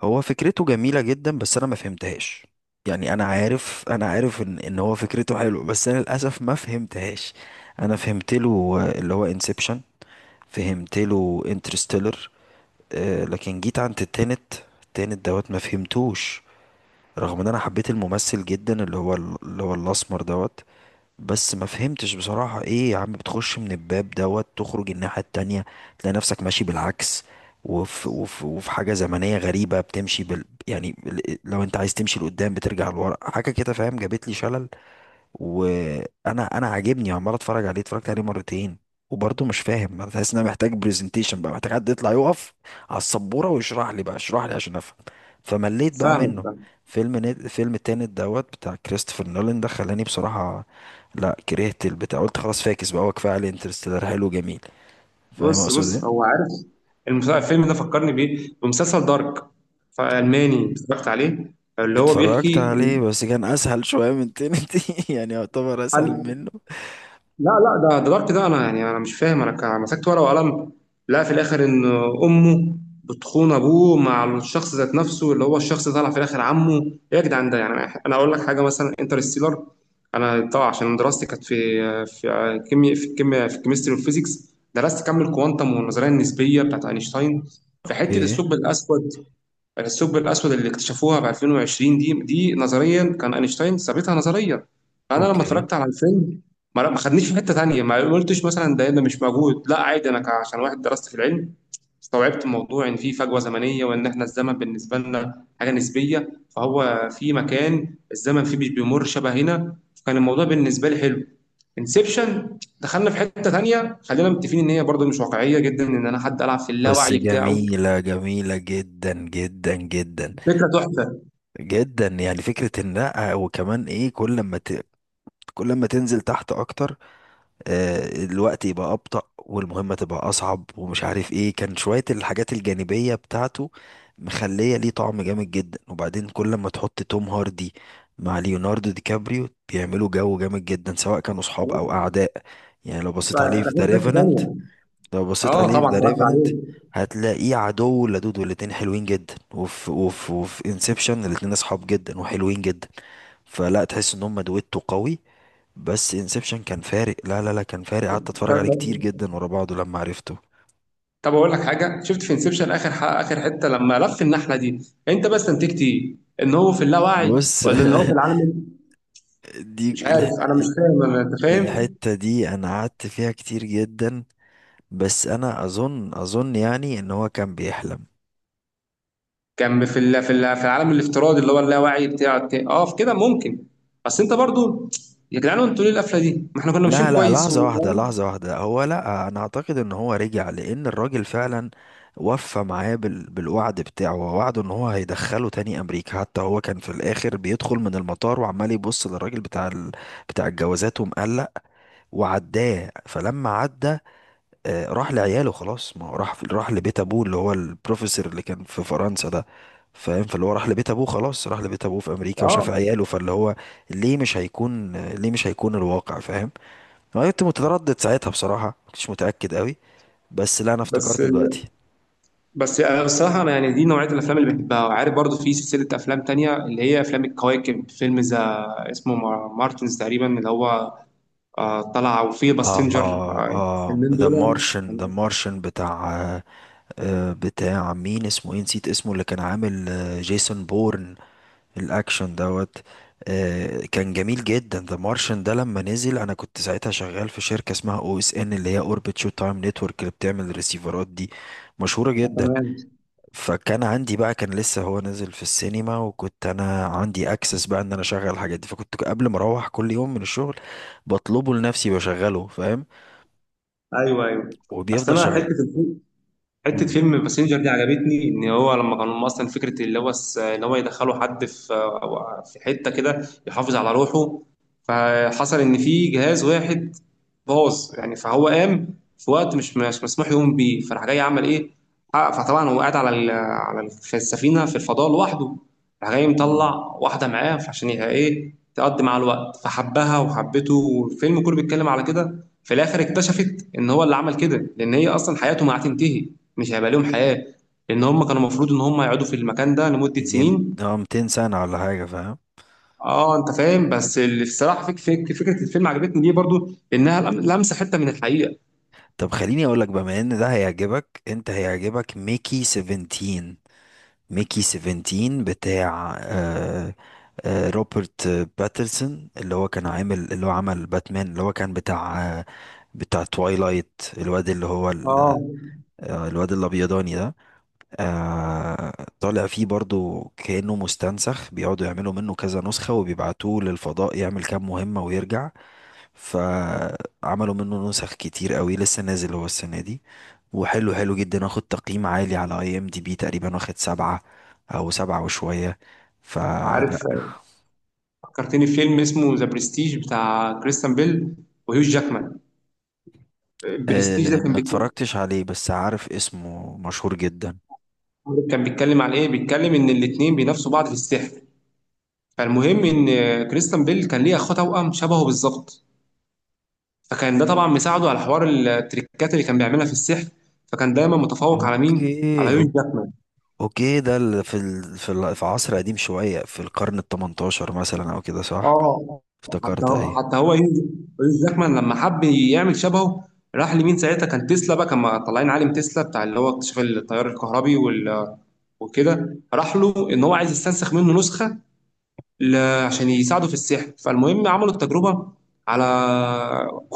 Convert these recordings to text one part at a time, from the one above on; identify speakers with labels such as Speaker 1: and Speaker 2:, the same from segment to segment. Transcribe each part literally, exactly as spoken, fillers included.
Speaker 1: هو فكرته جميلة جدا، بس انا ما فهمتهاش. يعني انا عارف انا عارف ان ان هو فكرته حلو، بس انا للاسف ما فهمتهاش. انا فهمت له، آه، اللي هو انسبشن. فهمت له انترستيلر، لكن جيت عند التنت. التنت دوت ما فهمتوش، رغم ان انا حبيت الممثل جدا، اللي هو ال- اللي هو الاسمر دوت. بس ما فهمتش بصراحة، ايه يا عم، بتخش من الباب دوت تخرج الناحية التانية، تلاقي نفسك ماشي بالعكس. وفي, وفي, وفي حاجة زمنية غريبة بتمشي بال يعني ال- لو انت عايز تمشي لقدام بترجع لورا، حاجة كده فاهم، جابت لي شلل. وانا انا عاجبني عمال اتفرج عليه، اتفرجت عليه مرتين. وبرضه مش فاهم، تحس ان انا محتاج برزنتيشن بقى، محتاج حد يطلع يقف على السبوره ويشرح لي بقى، اشرح لي عشان افهم. فمليت بقى
Speaker 2: فاهمك
Speaker 1: منه.
Speaker 2: فاهم.
Speaker 1: فيلم نت... فيلم التاني دوت بتاع كريستوفر نولان ده خلاني بصراحه، لا كرهت البتاع، قلت خلاص فاكس بقى، هو كفايه عليه انترستيلر حلو جميل. فاهم
Speaker 2: بص
Speaker 1: اقصد ايه.
Speaker 2: بص، هو عارف. المس- الفيلم ده فكرني بيه بمسلسل دارك فألماني، اتفرجت عليه اللي هو
Speaker 1: اتفرجت
Speaker 2: بيحكي.
Speaker 1: عليه بس كان اسهل شويه من تنتي يعني يعتبر اسهل منه.
Speaker 2: لا لا، ده ده ضبط. ده انا يعني انا مش فاهم، انا كان- مسكت ورقه وقلم. لا، في الاخر ان امه بتخون ابوه مع الشخص ذات نفسه، اللي هو الشخص ده طلع في الاخر عمه. ايه يا جدعان ده؟ يعني انا اقول لك حاجه، مثلا انترستيلر، انا طبعا عشان دراستي كانت في في كيمياء، في الكيمياء في الكيمستري والفيزيكس، درست كم الكوانتم والنظريه النسبيه بتاعت اينشتاين في حته
Speaker 1: اوكي.
Speaker 2: الثقب الاسود. الثقب الأسود اللي اكتشفوها في ألفين وعشرين دي دي نظريا، كان أينشتاين ثابتها نظريا. فأنا لما
Speaker 1: اوكي.
Speaker 2: اتفرجت على الفيلم، ما ما خدنيش في حتة تانية، ما قلتش مثلا ده ده مش موجود، لا عادي. أنا ك- عشان واحد درست في العلم، استوعبت موضوع إن في فجوة زمنية، وإن إحنا الزمن بالنسبة لنا حاجة نسبية. فهو في مكان الزمن فيه مش بيمر شبه هنا، فكان الموضوع بالنسبة لي حلو. انسبشن دخلنا في حتة تانية، خلينا متفقين إن هي برضه مش واقعية جدا، إن أنا حد ألعب في
Speaker 1: بس
Speaker 2: اللاوعي بتاعه،
Speaker 1: جميلة جميلة جدا جدا جدا.
Speaker 2: فكرة تحفة.
Speaker 1: جدا يعني، فكرة النقع، وكمان ايه، كل ما ت... كل ما تنزل تحت اكتر، آه، الوقت يبقى ابطأ والمهمة تبقى اصعب ومش عارف ايه، كان شوية الحاجات الجانبية بتاعته مخلية ليه طعم جامد جدا. وبعدين كل ما تحط توم هاردي مع ليوناردو دي كابريو بيعملوا جو جامد جدا، سواء كانوا صحاب او اعداء. يعني لو بصيت عليه
Speaker 2: ده
Speaker 1: في ذا
Speaker 2: في حته ثانيه.
Speaker 1: لو بصيت
Speaker 2: اه
Speaker 1: عليه في
Speaker 2: طبعا
Speaker 1: ذا
Speaker 2: اتفرجت
Speaker 1: ريفننت،
Speaker 2: عليه.
Speaker 1: هتلاقيه عدو ولدود، والاتنين حلوين جدا. وفي وفي وفي انسبشن الاتنين اصحاب جدا وحلوين جدا، فلا تحس ان هم دويتو قوي. بس انسبشن كان فارق، لا لا لا، كان فارق، قعدت اتفرج
Speaker 2: طب،
Speaker 1: عليه كتير جدا ورا بعضه لما عرفته.
Speaker 2: طب اقول لك حاجه، شفت في انسبشن اخر ح- اخر حته لما لف النحله دي، انت بس استنتجت ايه؟ ان هو في اللاوعي،
Speaker 1: بص.
Speaker 2: ولا ان هو في العالم؟ مش
Speaker 1: دي
Speaker 2: عارف،
Speaker 1: الح...
Speaker 2: انا مش
Speaker 1: ال-
Speaker 2: فاهم. أنا- انت فاهم؟
Speaker 1: الحتة دي انا قعدت فيها كتير جدا. بس انا اظن اظن يعني ان هو كان بيحلم.
Speaker 2: كان في ال- في ال- في العالم الافتراضي، اللي هو اللاوعي بتاع بتاع-. اه في كده ممكن، بس انت برضو، يا جدعان انتوا ليه القفله دي؟ ما احنا كنا
Speaker 1: لا
Speaker 2: ماشيين
Speaker 1: لا،
Speaker 2: كويس
Speaker 1: لحظة
Speaker 2: و...
Speaker 1: واحدة، لحظة واحدة، هو، لا، أنا أعتقد إن هو رجع، لأن الراجل فعلا وفى معاه بال... بالوعد بتاعه ووعده إن هو هيدخله تاني أمريكا. حتى هو كان في الآخر بيدخل من المطار وعمال يبص للراجل بتاع ال... بتاع الجوازات ومقلق، وعداه، فلما عدى، آه، راح لعياله خلاص. ما هو راح راح لبيت أبوه اللي هو البروفيسور اللي كان في فرنسا ده، فاهم. فاللي هو راح لبيت أبوه خلاص، راح لبيت أبوه في أمريكا
Speaker 2: اه.
Speaker 1: وشاف عياله. فاللي هو ليه مش هيكون ليه مش هيكون الواقع، فاهم. انا كنت متردد ساعتها بصراحه، ما كنتش متاكد قوي، بس لا، انا
Speaker 2: بس
Speaker 1: افتكرت دلوقتي.
Speaker 2: ال... بس أنا الصراحة، أنا يعني دي نوعية الأفلام اللي بحبها. وعارف برضو في سلسلة أفلام تانية اللي هي أفلام الكواكب، فيلم ذا اسمه مار- مارتنز تقريبا اللي هو آه، طلع، وفيه
Speaker 1: اه
Speaker 2: باسنجر. آه،
Speaker 1: اه
Speaker 2: الفيلمين
Speaker 1: ذا
Speaker 2: دول
Speaker 1: مارشن
Speaker 2: يعني
Speaker 1: ذا
Speaker 2: بس-
Speaker 1: مارشن بتاع آه، آه، بتاع مين، اسمه ايه، نسيت اسمه، اللي كان عامل آه، جيسون بورن. الاكشن دوت. آه، كان جميل جدا. ذا مارشن ده لما نزل انا كنت ساعتها شغال في شركه اسمها او اس ان، اللي هي اوربت شو تايم نتورك، اللي بتعمل الريسيفرات دي، مشهوره
Speaker 2: آه،
Speaker 1: جدا.
Speaker 2: تمام.
Speaker 1: فكان عندي بقى، كان لسه هو نازل في السينما، وكنت انا عندي اكسس بقى ان انا اشغل الحاجات دي، فكنت قبل ما اروح كل يوم من الشغل بطلبه لنفسي بشغله، فاهم.
Speaker 2: أيوه أيوه، أصل
Speaker 1: وبيفضل
Speaker 2: أنا
Speaker 1: شغال.
Speaker 2: حتة حته
Speaker 1: مم.
Speaker 2: فيلم باسنجر دي عجبتني. ان هو لما كانوا اصلا فكره اللي هو الس- ان هو يدخلوا حد في، أو في حته كده، يحافظ على روحه. فحصل ان في جهاز واحد باظ يعني، فهو قام في وقت مش مش مسموح يقوم بيه، فراح جاي عمل ايه؟ حقق- فطبعا هو قاعد على ال- على ال- في السفينه في الفضاء لوحده. راح جاي
Speaker 1: مم.
Speaker 2: مطلع واحده معاه عشان يبقى ايه، تقضي مع الوقت، فحبها وحبته. والفيلم كله بيتكلم على كده، في الاخر اكتشفت ان هو اللي عمل كده لان هي اصلا حياته ما هتنتهي، مش هيبقى ليهم حياة، لأن هم كانوا المفروض إن هم يقعدوا في المكان ده لمدة
Speaker 1: يجي يم-
Speaker 2: سنين.
Speaker 1: اه مئتين سنة ولا حاجة، فاهم.
Speaker 2: أه، أنت فاهم. بس اللي الصراحة، فك فك فكرة الفيلم عجبتني ليه برضو؟ إنها لم- لمسة حتة من الحقيقة.
Speaker 1: طب خليني اقول لك، بما ان ده هيعجبك انت، هيعجبك ميكي سبعتاشر. ميكي سبعتاشر بتاع آه، آه، روبرت باترسون، اللي هو كان عامل، اللي هو عمل باتمان، اللي هو كان بتاع آه، بتاع توايلايت، الواد اللي هو ال-
Speaker 2: أه
Speaker 1: آه، الواد الابيضاني ده. آه. طالع فيه برضو كأنه مستنسخ، بيقعدوا يعملوا منه كذا نسخة وبيبعتوه للفضاء يعمل كام مهمة ويرجع. فعملوا منه نسخ كتير قوي، لسه نازل هو السنة دي، وحلو حلو جدا، واخد تقييم عالي على اي ام دي بي، تقريبا واخد سبعة او سبعة وشوية، فلا.
Speaker 2: عارف، فكرتني في فيلم اسمه ذا برستيج، بتاع كريستيان بيل وهيو جاكمان. برستيج ده
Speaker 1: أه
Speaker 2: كان
Speaker 1: ما
Speaker 2: بيتكلم،
Speaker 1: اتفرجتش عليه بس عارف اسمه، مشهور جدا.
Speaker 2: كان بيتكلم عن إيه؟ بيتكلم إن الاتنين بينافسوا بعض في السحر. فالمهم إن كريستيان بيل كان ليه أخوه توأم شبهه بالظبط، فكان ده طبعا مساعده على حوار التريكات اللي كان بيعملها في السحر. فكان دايما متفوق على مين؟ على
Speaker 1: اوكي
Speaker 2: يوش
Speaker 1: أو-
Speaker 2: جاكمان.
Speaker 1: اوكي، ده ال- في ال... في ال... في عصر قديم شوية، في القرن التمنتاشر مثلا او كده، صح.
Speaker 2: حتى
Speaker 1: افتكرت، ايوه.
Speaker 2: حتى هو يوش، يوش جاكمان لما حب يعمل شبهه، راح لمين ساعتها؟ كان تسلا بقى، كان طالعين عالم تسلا بتاع اللي هو اكتشاف التيار الكهربي وال- وكده، راح له ان هو عايز يستنسخ منه نسخه ل- عشان يساعده في السحر. فالمهم عملوا التجربة على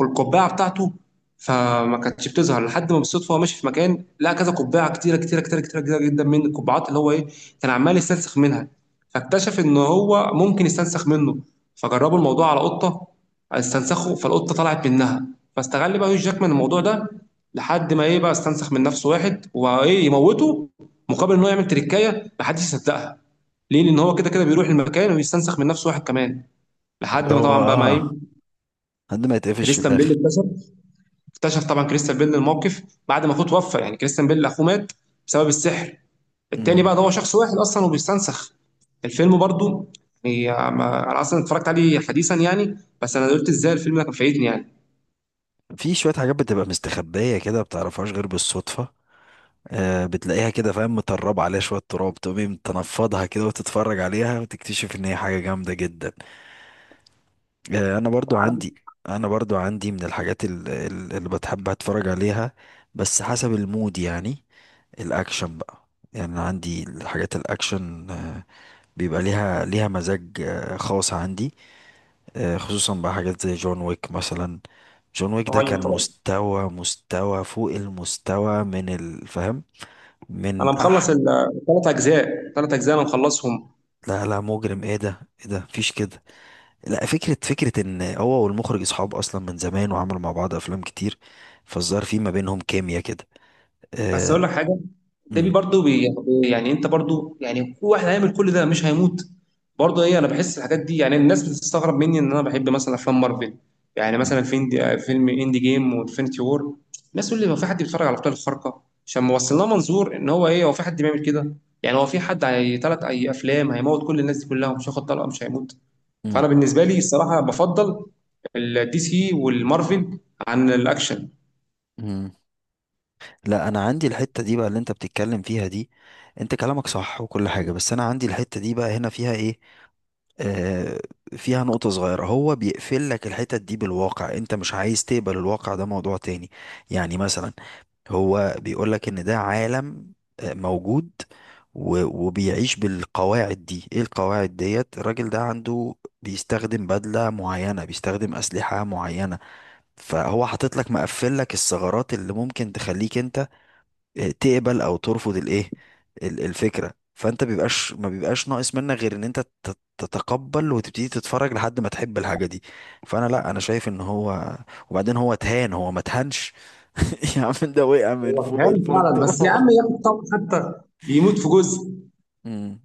Speaker 2: القبعة بتاعته، فما كانتش بتظهر لحد ما بالصدفة هو ماشي في مكان لقى كذا قبعة، كتيرة كتيرة كتيرة كتيرة كتيرة جدا، من القبعات اللي هو إيه، كان عمال يستنسخ منها. فاكتشف إن هو ممكن يستنسخ منه. فجربوا الموضوع على قطة، استنسخوا، فالقطة طلعت منها. فاستغل بقى هيو جاكمان الموضوع ده، لحد ما إيه بقى، استنسخ من نفسه واحد وإيه، يموته، مقابل إن هو يعمل تريكاية محدش يصدقها. ليه؟ لأن هو كده كده بيروح المكان ويستنسخ من نفسه واحد كمان. لحد
Speaker 1: اللي
Speaker 2: ما
Speaker 1: هو
Speaker 2: طبعا بقى ما إيه،
Speaker 1: اه، عندما يتقفش في
Speaker 2: كريستيان بيل
Speaker 1: الاخر.
Speaker 2: اكتشف، اكتشف طبعا كريستيان بيل الموقف بعد ما أخوه توفى. يعني كريستيان بيل أخوه مات بسبب السحر. التاني
Speaker 1: مم.
Speaker 2: بقى ده هو شخص واحد أصلا وبيستنسخ. الفيلم برضو يعني آه، ما- أنا أصلا اتفرجت عليه حديثا يعني. بس أنا قلت إزاي الفيلم ده كان فايتني يعني.
Speaker 1: في شوية حاجات بتبقى مستخبية كده، بتعرفهاش غير بالصدفة، آه، بتلاقيها كده، فاهم، متربة عليها شوية تراب، تقومي تنفضها كده وتتفرج عليها وتكتشف ان هي حاجة جامدة جدا. آه، انا برضو عندي انا برضو عندي من الحاجات ال- ال- اللي بتحب اتفرج عليها، بس حسب المود يعني. الاكشن بقى، يعني أنا عندي الحاجات الاكشن آه، بيبقى ليها ليها مزاج آه، خاص عندي. آه، خصوصا بقى حاجات زي جون ويك مثلا. جون ويك ده كان
Speaker 2: طبعا طبعا،
Speaker 1: مستوى، مستوى فوق المستوى، من الفهم، من.
Speaker 2: أنا مخلص الثلاث أجزاء، ثلاث أجزاء أنا مخلصهم.
Speaker 1: لا لا، مجرم، ايه ده، ايه ده، مفيش كده. لا، فكرة، فكرة ان هو والمخرج اصحاب اصلا من زمان، وعملوا مع بعض افلام كتير، فالظاهر في ما بينهم كيمياء كده.
Speaker 2: بس اقول
Speaker 1: آه.
Speaker 2: لك حاجه، ده بي
Speaker 1: مم،
Speaker 2: برضه بي، يعني انت برضه يعني، هو واحد هيعمل كل ده مش هيموت؟ برضه ايه، انا بحس الحاجات دي. يعني الناس بتستغرب مني ان انا بحب مثلا افلام مارفل، يعني
Speaker 1: مم،
Speaker 2: مثلا فين؟ فيلم اندي جيم وانفينيتي وور. الناس تقول لي هو في حد بيتفرج على ابطال الخارقه؟ عشان ما وصلنا منظور ان هو ايه، هو في حد بيعمل كده؟ يعني هو في حد، هي ثلاث اي افلام هيموت كل الناس دي كلها، ومش هياخد طلقه مش هيموت؟
Speaker 1: مم،
Speaker 2: فانا بالنسبه لي الصراحه، بفضل الدي سي والمارفل عن الاكشن.
Speaker 1: مم. لا انا عندي الحتة دي بقى اللي انت بتتكلم فيها دي، انت كلامك صح وكل حاجة، بس انا عندي الحتة دي بقى هنا، فيها ايه؟ آه، فيها نقطة صغيرة، هو بيقفل لك الحتت دي بالواقع، انت مش عايز تقبل الواقع ده، موضوع تاني. يعني مثلا هو بيقول لك ان ده عالم آه، موجود و- وبيعيش بالقواعد دي، ايه القواعد ديت، الراجل ده عنده بيستخدم بدلة معينة، بيستخدم أسلحة معينة. فهو حاطط لك، مقفل لك الثغرات اللي ممكن تخليك انت تقبل او ترفض الايه، ال- الفكره. فانت بيبقاش ما بيبقاش ناقص منك غير ان انت تت- تتقبل وتبتدي تتفرج لحد ما تحب الحاجه دي. فانا، لا انا شايف ان هو، وبعدين هو اتهان، هو ما اتهانش. يا عم ده وقع من
Speaker 2: هو
Speaker 1: فوق
Speaker 2: كان فعلا،
Speaker 1: الفندق
Speaker 2: بس يا عم ياخد طب، حتى يموت في جزء.
Speaker 1: امم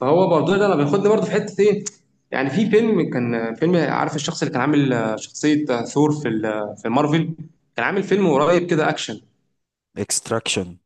Speaker 2: فهو برضه ده انا بياخدني برضه في حته ايه، يعني في فيلم، كان فيلم، عارف الشخص اللي كان عامل آه، شخصيه آه، ثور في ال- آه، في مارفل، كان عامل فيلم قريب كده اكشن،
Speaker 1: اكستراكشن.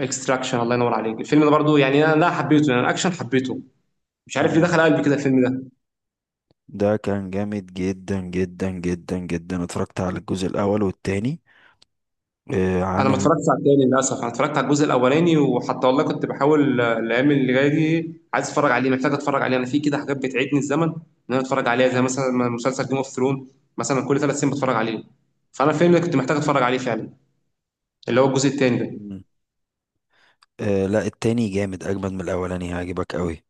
Speaker 2: اكستراكشن. الله ينور عليك، الفيلم ده برضه يعني انا لا حبيته، يعني الاكشن حبيته، مش عارف ليه
Speaker 1: مم.
Speaker 2: دخل قلبي كده الفيلم ده.
Speaker 1: ده كان جامد جدا جدا جدا جدا، اتفرجت على الجزء الاول والتاني. آه،
Speaker 2: انا ما
Speaker 1: عامل.
Speaker 2: اتفرجتش على التاني للاسف، انا اتفرجت على الجزء الاولاني، وحتى والله كنت بحاول آه، الايام اللي جايه دي عايز اتفرج عليه، محتاج اتفرج عليه. انا في كده حاجات بتعيدني الزمن، ان انا اتفرج عليها، زي مثلا مسلسل جيم اوف ثرون، مثلا كل ثلاث سنين بتفرج عليه. فانا الفيلم ده كنت محتاج اتفرج عليه فعلا، اللي هو الجزء التاني ده.
Speaker 1: مم. آه لا، التاني جامد اجمد من الاولاني، هيعجبك قوي،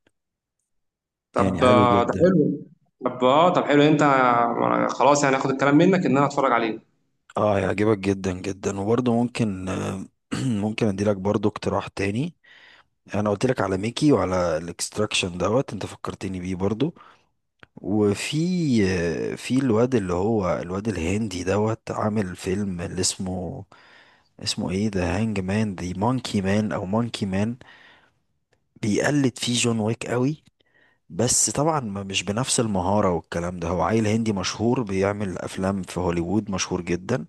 Speaker 1: يعني
Speaker 2: طب
Speaker 1: حلو
Speaker 2: آه، ده
Speaker 1: جدا.
Speaker 2: حلو. طب اه طب حلو، انت آه، خلاص يعني، هاخد الكلام منك ان انا اتفرج عليه.
Speaker 1: اه هيعجبك جدا جدا، وبرضه ممكن آه، ممكن اديلك برضه اقتراح تاني. انا قلت لك على ميكي وعلى الاكستراكشن دوت، انت فكرتني بيه برضه. وفي آه، في الواد اللي هو الواد الهندي دوت عامل فيلم اللي اسمه، اسمه ايه ده، هانج مان، دي مونكي مان او مونكي مان. بيقلد فيه جون ويك قوي، بس طبعا ما- مش بنفس المهارة والكلام ده. هو عيل هندي مشهور، بيعمل افلام في هوليوود، مشهور جدا.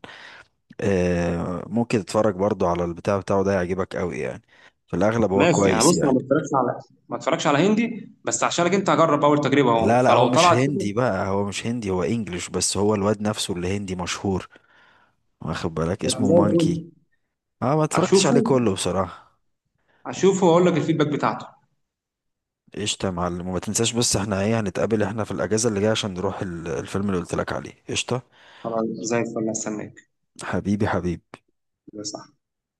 Speaker 1: آه، ممكن تتفرج برضو على البتاع بتاعه ده، يعجبك قوي يعني، في الاغلب هو
Speaker 2: ماشي يعني،
Speaker 1: كويس
Speaker 2: بص انا
Speaker 1: يعني.
Speaker 2: ما اتفرجش على ما اتفرجش على هندي، بس عشانك انت هجرب اول تجربه اهو،
Speaker 1: لا لا، هو
Speaker 2: فلو
Speaker 1: مش
Speaker 2: طلعت كده
Speaker 1: هندي بقى، هو مش هندي هو انجليش، بس هو الواد نفسه اللي هندي مشهور. واخد بالك اسمه
Speaker 2: زي الفل،
Speaker 1: مانكي. اه، ما اتفرجتش
Speaker 2: اشوفه
Speaker 1: عليه كله بصراحة.
Speaker 2: اشوفه واقول لك الفيدباك بتاعته.
Speaker 1: قشطة يا معلم، وما تنساش بس، احنا ايه، هنتقابل احنا في الاجازة اللي جاية عشان نروح ال- الفيلم اللي قلت لك عليه، قشطة.
Speaker 2: خلاص زي الفل، استناك.
Speaker 1: حبيبي حبيبي.
Speaker 2: صح.